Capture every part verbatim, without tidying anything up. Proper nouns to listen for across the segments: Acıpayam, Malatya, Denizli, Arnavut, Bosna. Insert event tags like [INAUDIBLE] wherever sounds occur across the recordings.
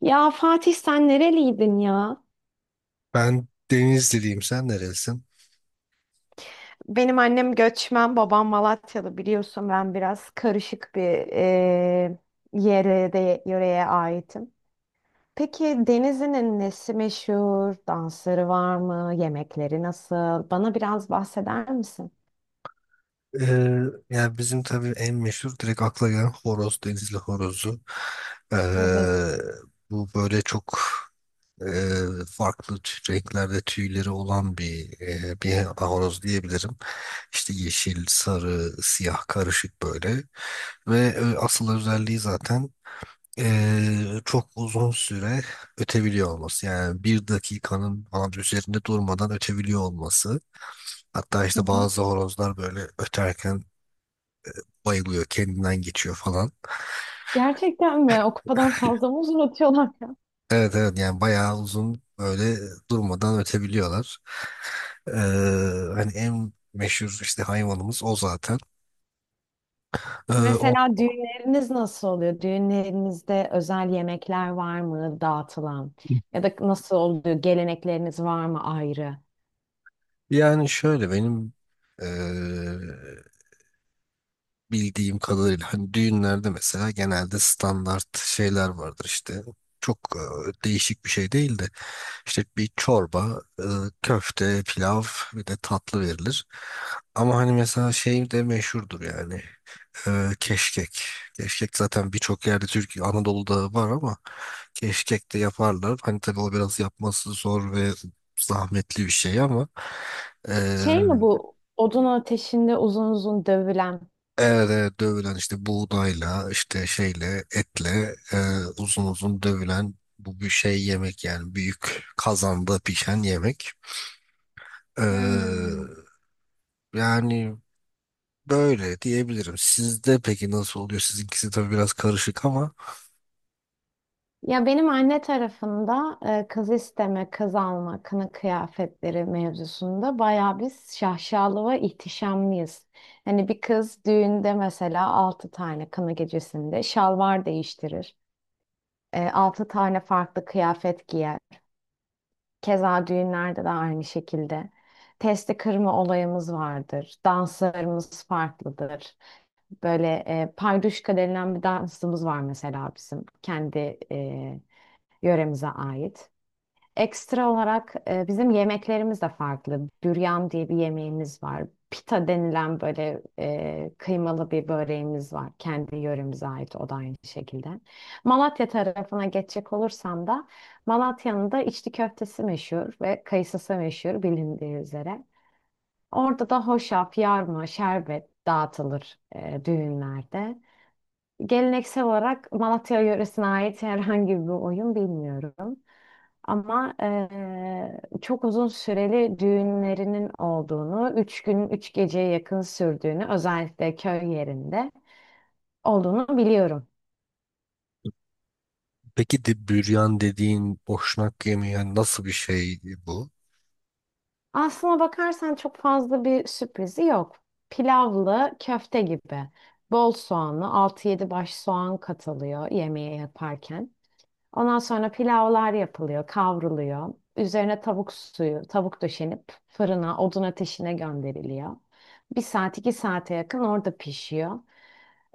Ya Fatih sen nereliydin ya? Ben Denizliliyim. Sen nerelisin? Benim annem göçmen, babam Malatyalı biliyorsun ben biraz karışık bir eee yere de yöreye aitim. Peki Denizli'nin nesi meşhur? Dansları var mı? Yemekleri nasıl? Bana biraz bahseder misin? Ee, Yani bizim tabii en meşhur direkt akla gelen horoz. Denizli horozu. Ee, Evet. Bu böyle çok e, farklı tü- renklerde tüyleri olan bir e, bir horoz diyebilirim. İşte yeşil, sarı, siyah karışık böyle. Ve e, asıl özelliği zaten e, çok uzun süre ötebiliyor olması. Yani bir dakikanın falan üzerinde durmadan ötebiliyor olması. Hatta Hı işte hı. bazı horozlar böyle öterken bayılıyor, kendinden geçiyor falan. Gerçekten mi? O kadar fazla mı uzatıyorlar ya? Evet evet, yani bayağı uzun böyle durmadan ötebiliyorlar. Ee, Hani en meşhur işte hayvanımız o zaten. Ee, o Mesela düğünleriniz nasıl oluyor? Düğünlerinizde özel yemekler var mı dağıtılan? Ya da nasıl oluyor? Gelenekleriniz var mı ayrı? Yani şöyle benim ee, bildiğim kadarıyla hani düğünlerde mesela genelde standart şeyler vardır işte. Çok e, değişik bir şey değil de işte bir çorba, e, köfte, pilav, bir de tatlı verilir. Ama hani mesela şey de meşhurdur, yani e, keşkek. Keşkek zaten birçok yerde Türkiye, Anadolu'da var ama keşkek de yaparlar. Hani tabii o biraz yapması zor ve zahmetli bir şey ama e, Şey mi bu odun ateşinde uzun uzun dövülen? evet, evet dövülen işte buğdayla işte şeyle etle e, uzun uzun dövülen bu bir şey yemek, yani büyük kazanda pişen yemek. E, Hmm. Yani böyle diyebilirim. Sizde peki nasıl oluyor? Sizinkisi tabii biraz karışık ama Ya benim anne tarafında e, kız isteme, kız alma, kına kıyafetleri mevzusunda bayağı biz şaşalı ve ihtişamlıyız. Hani bir kız düğünde mesela altı tane kına gecesinde şalvar değiştirir. E, altı tane farklı kıyafet giyer. Keza düğünlerde de aynı şekilde. Testi kırma olayımız vardır. Danslarımız farklıdır. Böyle e, payduşka denilen bir dansımız var mesela bizim. Kendi e, yöremize ait. Ekstra olarak e, bizim yemeklerimiz de farklı. Büryan diye bir yemeğimiz var. Pita denilen böyle e, kıymalı bir böreğimiz var. Kendi yöremize ait o da aynı şekilde. Malatya tarafına geçecek olursam da Malatya'nın da içli köftesi meşhur ve kayısısı meşhur bilindiği üzere. Orada da hoşaf, yarma, şerbet dağıtılır e, düğünlerde. Geleneksel olarak Malatya yöresine ait herhangi bir oyun bilmiyorum. Ama eee, çok uzun süreli düğünlerinin olduğunu, üç gün üç geceye yakın sürdüğünü, özellikle köy yerinde olduğunu biliyorum. peki de büryan dediğin boşnak yemeği yani nasıl bir şey bu? Aslına bakarsan çok fazla bir sürprizi yok. Pilavlı köfte gibi. Bol soğanlı, altı yedi baş soğan katılıyor yemeğe yaparken. Ondan sonra pilavlar yapılıyor, kavruluyor. Üzerine tavuk suyu, tavuk döşenip fırına, odun ateşine gönderiliyor. Bir saat iki saate yakın orada pişiyor.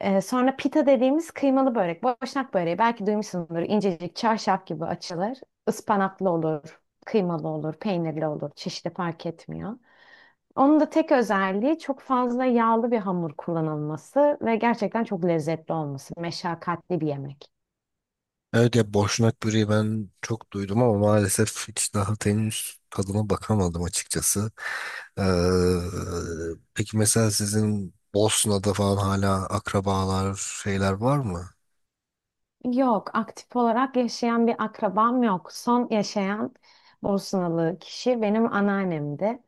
Ee, sonra pita dediğimiz kıymalı börek. Boşnak böreği belki duymuşsundur. İncecik çarşaf gibi açılır. Ispanaklı olur, kıymalı olur, peynirli olur. Çeşitli fark etmiyor. Onun da tek özelliği çok fazla yağlı bir hamur kullanılması ve gerçekten çok lezzetli olması. Meşakkatli bir yemek. Evet, ya boşnak böreği ben çok duydum ama maalesef hiç daha henüz tadına bakamadım açıkçası. Ee, peki mesela sizin Bosna'da falan hala akrabalar şeyler var mı? Yok, aktif olarak yaşayan bir akrabam yok. Son yaşayan Bosnalı kişi benim anneannemdi.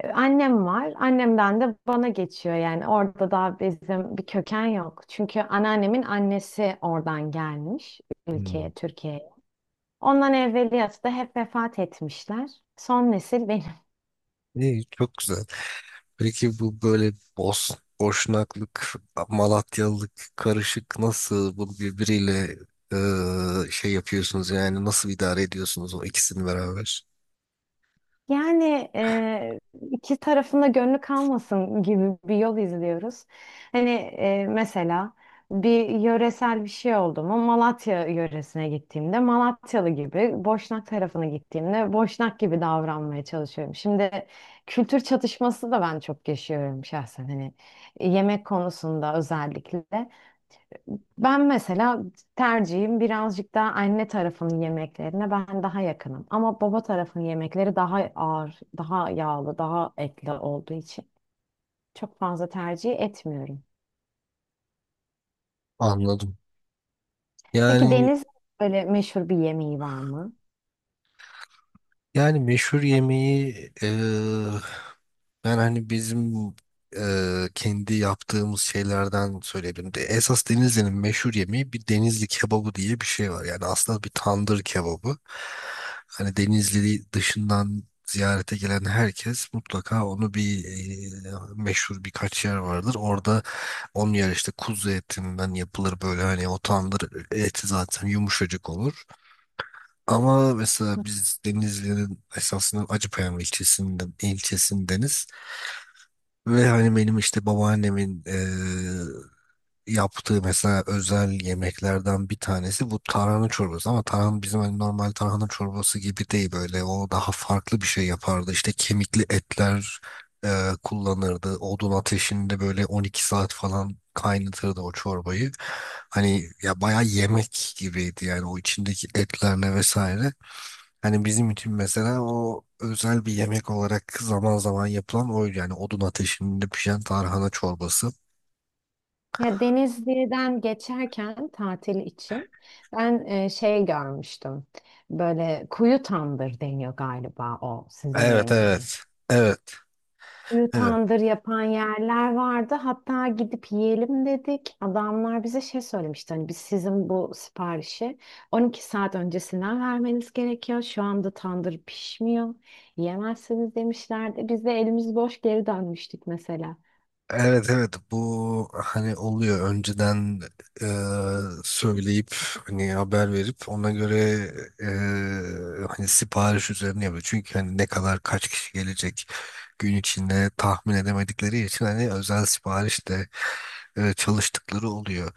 Ee, Annem var. Annemden de bana geçiyor yani. Orada da bizim bir köken yok. Çünkü anneannemin annesi oradan gelmiş Hmm. ülkeye, Türkiye'ye. Ondan evveliyatı da hep vefat etmişler. Son nesil benim. İyi, çok güzel. Peki bu böyle Bos Boşnaklık, Malatyalılık karışık nasıl bu birbiriyle e, şey yapıyorsunuz, yani nasıl idare ediyorsunuz o ikisini beraber? Yani e, iki tarafında gönlü kalmasın gibi bir yol izliyoruz. Hani e, mesela bir yöresel bir şey oldu mu Malatya yöresine gittiğimde Malatyalı gibi, Boşnak tarafına gittiğimde Boşnak gibi davranmaya çalışıyorum. Şimdi kültür çatışması da ben çok yaşıyorum şahsen hani yemek konusunda özellikle. Ben mesela tercihim birazcık daha anne tarafının yemeklerine ben daha yakınım. Ama baba tarafının yemekleri daha ağır, daha yağlı, daha etli olduğu için çok fazla tercih etmiyorum. Anladım. Peki Yani Deniz böyle meşhur bir yemeği var mı? Yani meşhur yemeği, eee, ben hani bizim eee, kendi yaptığımız şeylerden söyleyebilirim. De, esas Denizli'nin meşhur yemeği bir Denizli kebabı diye bir şey var. Yani aslında bir tandır kebabı. Hani Denizli dışından ziyarete gelen herkes mutlaka onu bir eee, meşhur birkaç yer vardır. Orada onun yer işte kuzu etinden yapılır, böyle hani o tandır eti zaten yumuşacık olur. Ama mesela biz Denizli'nin esasında Acıpayam ilçesinden ilçesindeniz ve hani benim işte babaannemin eee, yaptığı mesela özel yemeklerden bir tanesi bu tarhana çorbası, ama tarhana bizim hani normal tarhana çorbası gibi değil, böyle o daha farklı bir şey yapardı. İşte kemikli etler eee, kullanırdı, odun ateşinde böyle on iki saat falan kaynatırdı o çorbayı. Hani ya bayağı yemek gibiydi yani, o içindeki etlerle vesaire. Hani bizim için mesela o özel bir yemek olarak zaman zaman yapılan oydu. Yani odun ateşinde pişen tarhana çorbası. Ya Denizli'den geçerken tatil için ben e, şey görmüştüm. Böyle kuyu tandır deniyor galiba o sizin Evet, yemeğe. evet. Evet Ünlü evet. tandır yapan yerler vardı. Hatta gidip yiyelim dedik. Adamlar bize şey söylemişti. Hani biz sizin bu siparişi on iki saat öncesinden vermeniz gerekiyor. Şu anda tandır pişmiyor. Yiyemezsiniz demişlerdi. Biz de elimiz boş geri dönmüştük mesela. Evet evet, bu hani oluyor. Önceden e, söyleyip hani haber verip ona göre e, hani sipariş üzerine yapıyor. Çünkü hani ne kadar, kaç kişi gelecek gün içinde tahmin edemedikleri için hani özel sipariş de e, çalıştıkları oluyor.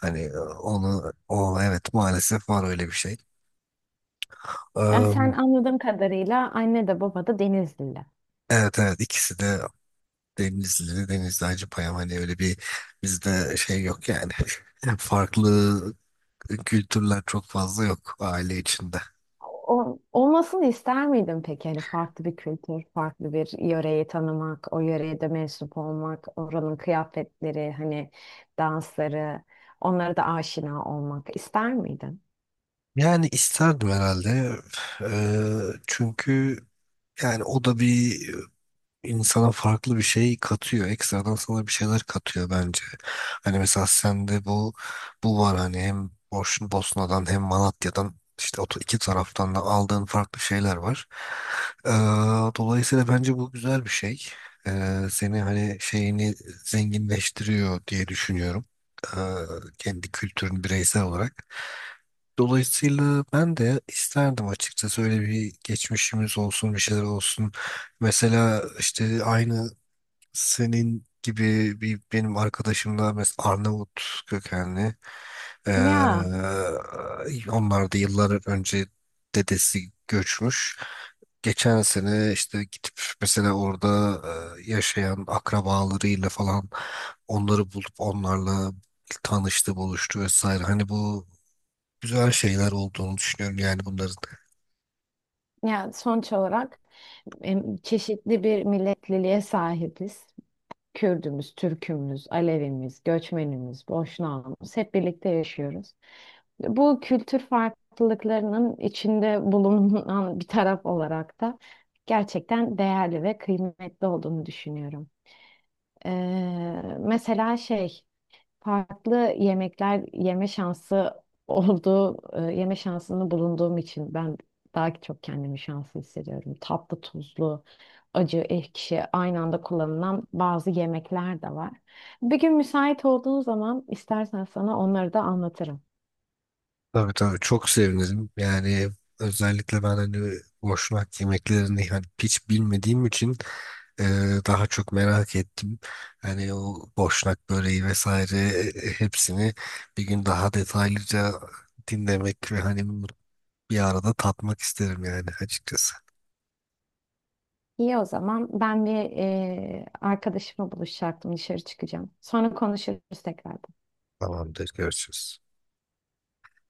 Hani e, onu o, evet, maalesef var öyle bir şey. Yani sen Am, anladığım kadarıyla anne de baba da Denizlili. evet evet, ikisi de Denizli, Denizli Hacıpayam, hani öyle bir bizde şey yok yani. [LAUGHS] Farklı kültürler çok fazla yok aile içinde. O, olmasını ister miydin peki? Hani farklı bir kültür, farklı bir yöreyi tanımak, o yöreye de mensup olmak, oranın kıyafetleri, hani dansları, onlara da aşina olmak ister miydin? Yani isterdim herhalde. Eee, çünkü yani o da bir insana farklı bir şey katıyor. Ekstradan sana bir şeyler katıyor bence. Hani mesela sende bu bu var, hani hem Boş, Bosna'dan hem Malatya'dan, işte o iki taraftan da aldığın farklı şeyler var. Ee, Dolayısıyla bence bu güzel bir şey. Ee, seni hani şeyini zenginleştiriyor diye düşünüyorum. Ee, Kendi kültürün bireysel olarak. Dolayısıyla ben de isterdim açıkçası, öyle bir geçmişimiz olsun, bir şeyler olsun. Mesela işte aynı senin gibi bir benim arkadaşım da mesela Arnavut kökenli. Ee, Ya, Onlar da yıllar önce dedesi göçmüş. Geçen sene işte gidip mesela orada e, yaşayan akrabalarıyla falan onları bulup onlarla tanıştı, buluştu vesaire. Hani bu güzel şeyler olduğunu düşünüyorum yani bunların. ya sonuç olarak em, çeşitli bir milletliliğe sahibiz. Kürdümüz, Türkümüz, Alevimiz, göçmenimiz, Boşnağımız hep birlikte yaşıyoruz. Bu kültür farklılıklarının içinde bulunan bir taraf olarak da gerçekten değerli ve kıymetli olduğunu düşünüyorum. Ee, mesela şey farklı yemekler yeme şansı olduğu e, yeme şansını bulunduğum için ben daha çok kendimi şanslı hissediyorum. Tatlı, tuzlu, acı, ekşi aynı anda kullanılan bazı yemekler de var. Bir gün müsait olduğun zaman istersen sana onları da anlatırım. Tabii tabii, çok sevinirim. Yani özellikle ben hani boşnak yemeklerini hani hiç bilmediğim için e, daha çok merak ettim. Hani o boşnak böreği vesaire, e, e, hepsini bir gün daha detaylıca dinlemek ve hani bir arada tatmak isterim yani açıkçası. İyi o zaman. Ben bir e, arkadaşımla buluşacaktım. Dışarı çıkacağım. Sonra konuşuruz tekrar. Tamamdır, görüşürüz.